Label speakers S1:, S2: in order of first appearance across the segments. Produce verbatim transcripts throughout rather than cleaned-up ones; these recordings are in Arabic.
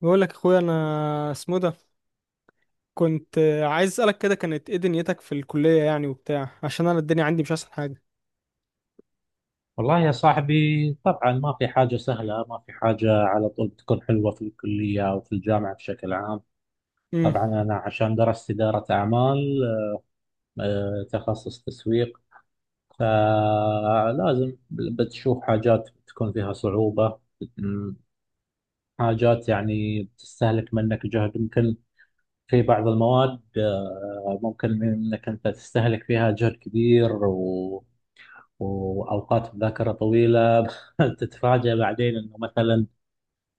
S1: بقول لك اخويا انا اسمه ده. كنت عايز اسالك كده، كانت ايه دنيتك في الكليه يعني وبتاع؟ عشان انا الدنيا عندي مش احسن حاجه.
S2: والله يا صاحبي، طبعا ما في حاجة سهلة، ما في حاجة على طول بتكون حلوة في الكلية أو في الجامعة بشكل عام.
S1: امم
S2: طبعا أنا عشان درست إدارة أعمال، آه، تخصص تسويق، فلازم بتشوف حاجات تكون فيها صعوبة. م- حاجات يعني بتستهلك منك جهد يمكن، في بعض المواد آه، ممكن إنك أنت تستهلك فيها جهد كبير و... وأوقات مذاكرة طويلة تتفاجأ بعدين إنه مثلا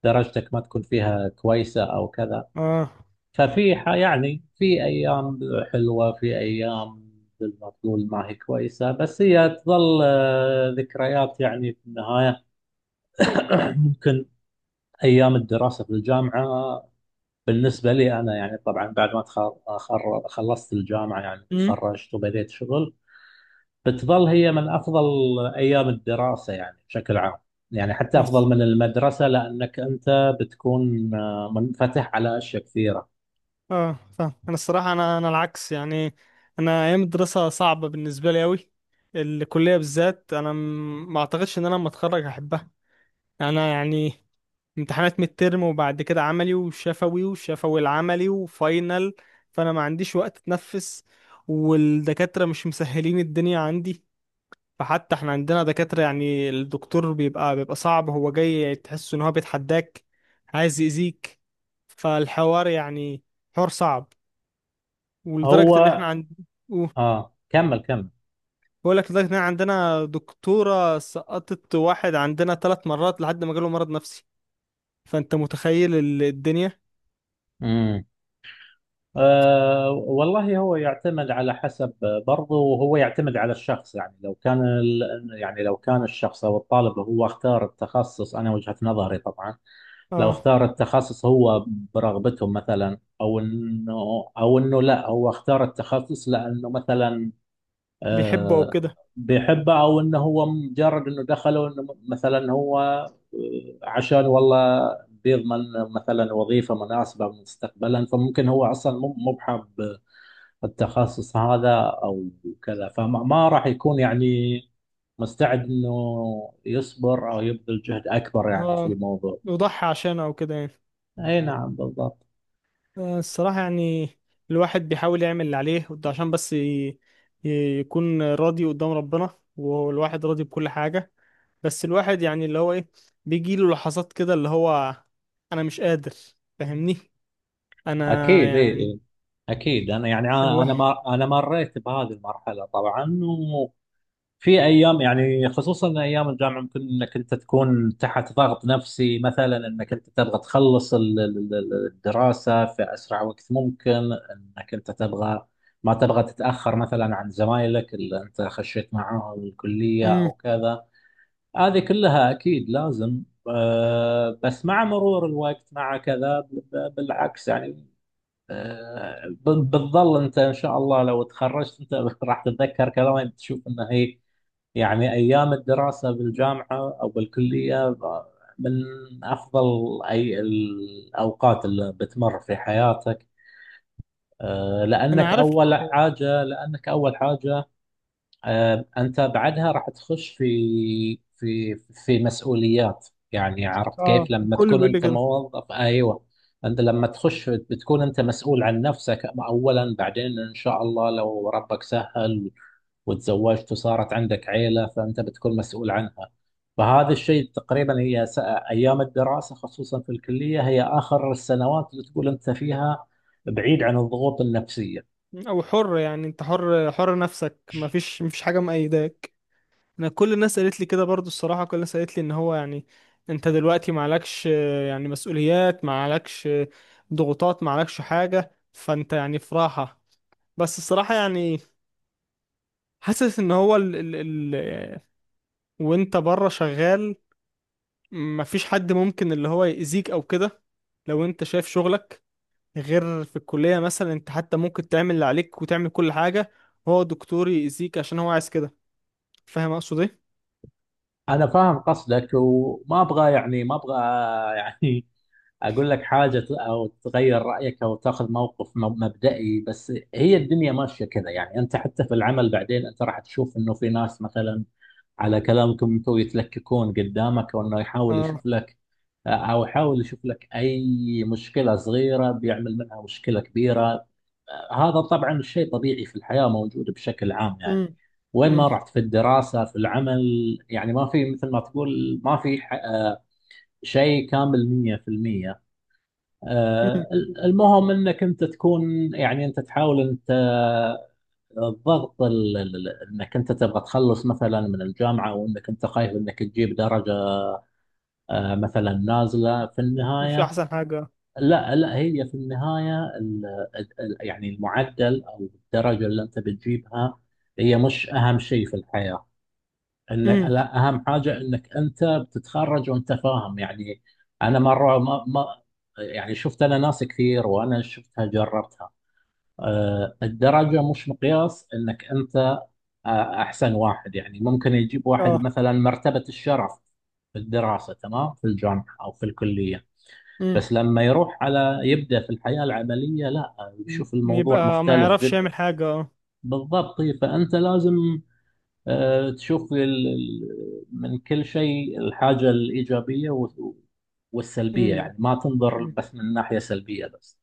S2: درجتك ما تكون فيها كويسة أو كذا.
S1: اه.
S2: ففي ح- يعني في أيام حلوة، في أيام مثل ما تقول ما هي كويسة، بس هي تظل آه، ذكريات يعني في النهاية. ممكن أيام الدراسة في الجامعة بالنسبة لي أنا، يعني طبعا بعد ما تخ- خر- خلصت الجامعة يعني
S1: امم.
S2: تخرجت وبديت شغل، بتظل هي من أفضل أيام الدراسة يعني بشكل عام، يعني حتى أفضل
S1: بس
S2: من المدرسة، لأنك أنت بتكون آه، منفتح على أشياء كثيرة.
S1: اه، فاهم انا. الصراحه انا انا العكس يعني. انا ايام الدراسه صعبه بالنسبه لي قوي. الكليه بالذات، انا م- ما اعتقدش ان انا لما اتخرج هحبها. يعني انا يعني امتحانات ميد ترم وبعد كده عملي وشفوي، وشفوي العملي، وفاينل. فانا ما عنديش وقت اتنفس. والدكاتره مش مسهلين الدنيا عندي. فحتى احنا عندنا دكاترة يعني الدكتور بيبقى بيبقى صعب، هو جاي تحس ان هو بيتحداك، عايز يأذيك. فالحوار يعني حوار صعب. ولدرجة ان
S2: هو،
S1: احنا عند،
S2: اه كمل كمل.
S1: بقول لك لدرجة ان احنا عندنا دكتورة سقطت واحد عندنا ثلاث مرات لحد ما جاله مرض نفسي. فانت متخيل ال- الدنيا.
S2: امم. آه والله، هو يعتمد على حسب، برضه وهو يعتمد على الشخص. يعني لو كان ال... يعني لو كان الشخص او الطالب هو اختار التخصص، انا وجهة نظري طبعا، لو
S1: اه،
S2: اختار التخصص هو برغبته مثلا، او انه، او انه لا، هو اختار التخصص لانه مثلا
S1: بيحبه او
S2: آه،
S1: كده.
S2: بيحبه، او انه هو مجرد انه دخله، انه مثلا هو آه، عشان والله بيضمن مثلا وظيفه مناسبه مستقبلا، فممكن هو اصلا مو مو بحب التخصص هذا او كذا، فما ما راح يكون يعني مستعد انه يصبر او يبذل جهد اكبر يعني في
S1: اه،
S2: الموضوع.
S1: يضحي عشانه او كده يعني.
S2: اي نعم، بالضبط.
S1: آه، الصراحة يعني الواحد بيحاول يعمل اللي عليه، وده عشان بس ي- ي- يكون راضي قدام ربنا، والواحد راضي بكل حاجة. بس الواحد يعني اللي هو ايه، بيجيله لحظات كده اللي هو انا مش قادر. فاهمني؟ انا
S2: اكيد، اي،
S1: يعني
S2: إي. اكيد انا، يعني انا أنا
S1: الواحد.
S2: ما انا مريت بهذه المرحله طبعا، في ايام يعني خصوصا ايام الجامعه ممكن انك انت تكون تحت ضغط نفسي مثلا، انك انت تبغى تخلص ال- ال- ال- الدراسه في اسرع وقت ممكن، انك انت تبغى ما تبغى تتاخر مثلا عن زمايلك اللي انت خشيت معاهم الكليه
S1: امم.
S2: او كذا. هذه كلها اكيد لازم. آه، بس مع مرور الوقت مع كذا، ب- ب- بالعكس يعني، آه، ب- بتظل انت ان شاء الله لو تخرجت انت راح تتذكر كلامي، بتشوف انه هي يعني أيام الدراسة بالجامعة أو بالكلية من أفضل أي الأوقات اللي بتمر في حياتك. آه،
S1: انا
S2: لأنك
S1: عارف،
S2: أول حاجة، لأنك أول حاجة آه، أنت بعدها راح تخش في في في مسؤوليات، يعني عرفت
S1: اه،
S2: كيف لما
S1: الكل
S2: تكون
S1: بيقول لي
S2: أنت
S1: كده.
S2: موظف. أيوه، أنت لما تخش بتكون أنت مسؤول عن نفسك أولا، بعدين إن شاء الله لو ربك سهل وتزوجت وصارت عندك عيلة فأنت بتكون مسؤول عنها. فهذا الشيء تقريبا هي س- ايام الدراسه خصوصا في الكليه هي اخر السنوات اللي تقول انت فيها بعيد عن الضغوط النفسيه.
S1: او حر، يعني انت حر، حر نفسك، مفيش مفيش حاجة مقيداك. انا كل الناس قالت لي كده برضو الصراحه، كل الناس قالت لي ان هو يعني انت دلوقتي معلكش آه، يعني مسؤوليات، معلكش آه، ضغوطات، معلكش حاجه، فانت يعني في راحه. بس الصراحه يعني حاسس ان هو ال ال ال آه، وانت بره شغال مفيش حد ممكن اللي هو يأذيك او كده لو انت شايف شغلك. غير في الكليه مثلا، انت حتى ممكن تعمل اللي عليك وتعمل كل حاجه، هو دكتور يأذيك عشان هو عايز كده. فاهم اقصد ايه؟
S2: انا فاهم قصدك، وما ابغى يعني ما ابغى يعني اقول لك حاجه ت- او تغير رايك او تاخذ موقف م- مبدئي، بس هي الدنيا ماشيه كذا يعني، انت حتى في العمل بعدين انت راح تشوف انه في ناس مثلا على كلامكم انتم يتلككون قدامك، وانه يحاول يشوف
S1: اه.
S2: لك او حاول يشوف لك اي مشكله صغيره بيعمل منها مشكله كبيره. هذا طبعا شيء طبيعي في الحياه، موجود بشكل عام يعني،
S1: امم.
S2: وين ما رحت في الدراسه في العمل، يعني ما في مثل ما تقول ما في ح- آه، شيء كامل مية في المية. آه، المهم انك انت تكون يعني انت تحاول انت الضغط ال- ال- انك انت تبغى تخلص مثلا من الجامعه، وانك انت خايف انك تجيب درجه آه، مثلا نازله في
S1: مش
S2: النهايه.
S1: احسن حاجة.
S2: لا لا، هي في النهاية ال- ال- يعني المعدل أو الدرجة اللي أنت بتجيبها هي مش أهم شيء في الحياة، إن
S1: امم.
S2: لا، أهم حاجة إنك أنت بتتخرج وأنت فاهم يعني. أنا مرة ما, ما يعني شفت أنا ناس كثير وأنا شفتها جربتها، أه، الدرجة مش مقياس إنك أنت أه، أحسن واحد يعني. ممكن يجيب واحد
S1: اه.
S2: مثلا مرتبة الشرف في الدراسة، تمام، في الجامعة أو في الكلية،
S1: امم.
S2: بس لما يروح على يبدأ في الحياة العملية، لا،
S1: م-
S2: بيشوف الموضوع
S1: يبقى ما
S2: مختلف
S1: يعرفش
S2: جدا.
S1: يعمل حاجة، اه.
S2: بالضبط، طيب، فأنت لازم آه، تشوف ال- ال- من كل شيء الحاجة الإيجابية و- والسلبية،
S1: امم.
S2: يعني ما تنظر
S1: أمم.
S2: بس من ناحية سلبية بس.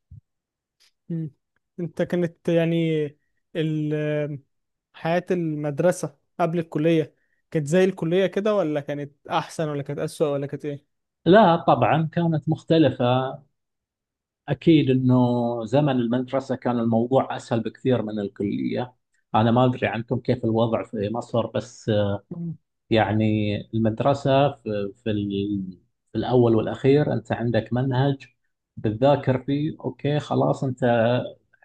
S1: أمم. انت كانت يعني ال- حياة المدرسة قبل الكلية، كانت زي الكلية كده، ولا كانت احسن، ولا كانت اسوأ، ولا كانت ايه؟
S2: لا طبعا كانت مختلفة، أكيد أنه زمن المدرسة كان الموضوع أسهل بكثير من الكلية. أنا ما أدري عنكم كيف الوضع في مصر، بس
S1: امم.
S2: يعني المدرسة في, في, ال- في الأول والأخير أنت عندك منهج بتذاكر فيه، أوكي، خلاص، أنت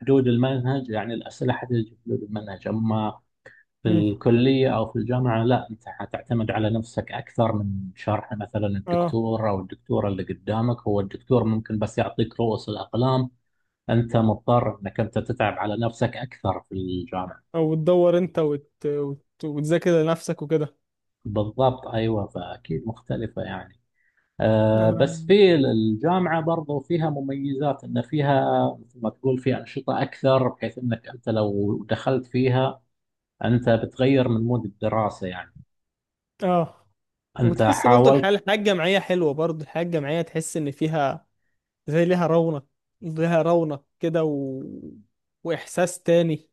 S2: حدود المنهج، يعني الأسئلة حتجي في حدود المنهج. أما في
S1: أمم.
S2: الكلية أو في الجامعة، لا، أنت حتعتمد على نفسك أكثر من شرح مثلا
S1: اه.
S2: الدكتور أو الدكتورة اللي قدامك، هو الدكتور ممكن بس يعطيك رؤوس الأقلام. أنت مضطر أنك أنت تتعب على نفسك أكثر في الجامعة.
S1: او تدور انت وت... وت... وتذاكر لنفسك وكده.
S2: بالضبط، أيوه، فأكيد مختلفة يعني، آه،
S1: انا
S2: بس في الجامعة برضو فيها مميزات، إن فيها مثل ما تقول في أنشطة أكثر، بحيث إنك أنت لو دخلت فيها أنت بتغير من مود الدراسة يعني،
S1: اه،
S2: أنت
S1: وتحس برضه الحياة،
S2: حاولت.
S1: الحياة الجامعية حلوة، برضه الحياة الجامعية تحس ان فيها، زي ليها رونق، ليها رونق كده و، واحساس تاني.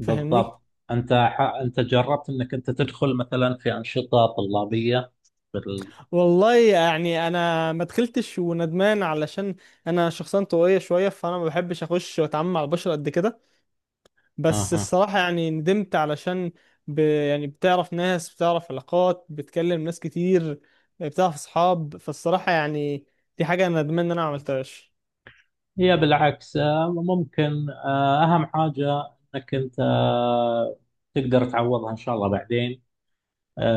S1: فاهمني؟
S2: أنت ح... أنت جربت إنك أنت تدخل مثلا في أنشطة طلابية بال...
S1: والله يعني انا ما دخلتش وندمان، علشان انا شخصيا طويله شويه فانا ما بحبش اخش واتعامل مع البشر قد كده. بس
S2: أها،
S1: الصراحه يعني ندمت، علشان ب، يعني بتعرف ناس، بتعرف علاقات، بتكلم ناس كتير، بتعرف اصحاب. فالصراحه يعني دي حاجه انا ندمان ان انا ما عملتهاش.
S2: هي بالعكس آه، ممكن آه، أهم حاجة إنك أنت آه، تقدر تعوضها إن شاء الله بعدين.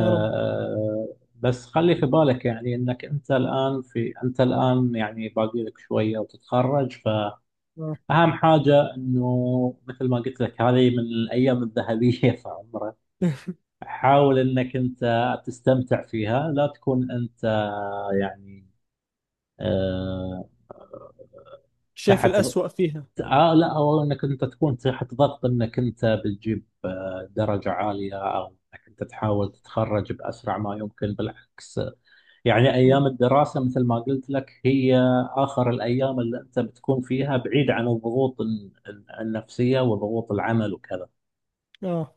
S1: يا رب.
S2: بس خلي في بالك يعني انك انت الان في انت الان يعني باقي لك شويه وتتخرج.
S1: آه.
S2: فاهم حاجه، انه مثل ما قلت لك هذه من الايام الذهبيه في عمرك، حاول انك انت تستمتع فيها، لا تكون انت يعني آه،
S1: شايف
S2: تحت ض-
S1: الأسوأ فيها.
S2: آه لا، او انك انت تكون تحت ضغط انك انت بتجيب آه، درجه عاليه، او انك انت تحاول تتخرج باسرع ما يمكن. بالعكس يعني،
S1: مم.
S2: أيام الدراسة مثل ما قلت لك هي آخر الأيام اللي أنت بتكون فيها بعيد عن الضغوط ال- ال- النفسية وضغوط العمل وكذا.
S1: اه،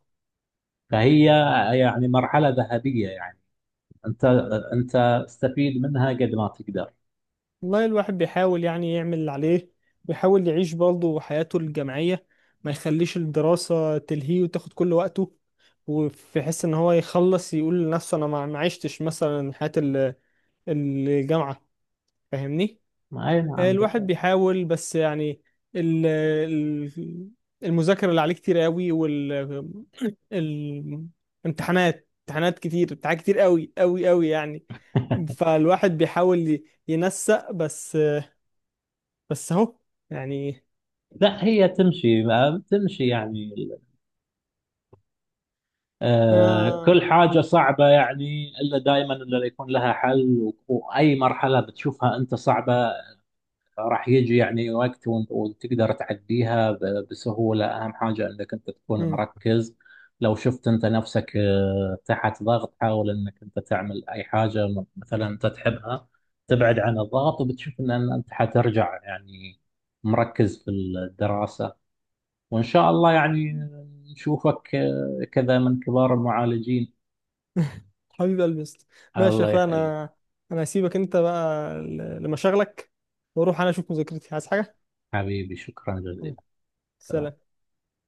S2: فهي يعني مرحلة ذهبية يعني، أنت، أنت استفيد منها قد ما تقدر.
S1: والله الواحد بيحاول يعني يعمل اللي عليه، بيحاول يعيش برضه حياته الجامعية، ما يخليش الدراسة تلهيه وتاخد كل وقته، وفي حس ان هو يخلص يقول لنفسه انا ما ما عشتش مثلا حياة ال- الجامعة. فاهمني؟
S2: أي نعم،
S1: الواحد
S2: بالضبط.
S1: بيحاول بس يعني ال- ال- المذاكرة اللي عليه كتير قوي، وال الامتحانات، امتحانات كتير، امتحانات كتير قوي قوي قوي يعني. فالواحد بيحاول ي- ينسق بس، بس اهو يعني.
S2: لا، هي تمشي ما- تمشي يعني. آه،
S1: انا.
S2: كل حاجة صعبة يعني، إلا دائما إلا يكون لها حل، و- وأي مرحلة بتشوفها أنت صعبة، راح يجي يعني وقت وانت- وتقدر تعديها ب- بسهولة. أهم حاجة أنك أنت تكون
S1: مم.
S2: مركز. لو شفت أنت نفسك آه، تحت ضغط، حاول أنك أنت تعمل أي حاجة م- مثلا أنت تحبها، تبعد عن الضغط، وبتشوف أن أن أنت حترجع يعني مركز في الدراسة. وإن شاء الله يعني نشوفك آه، كذا من كبار المعالجين.
S1: حبيب قلبي يا اسطى. ماشي يا
S2: الله
S1: اخويا
S2: يخليك،
S1: انا، انا هسيبك انت بقى ل- لمشاغلك واروح انا اشوف مذاكرتي عايز حاجه.
S2: حبيبي، شكرا
S1: مم.
S2: جزيلا.
S1: سلام.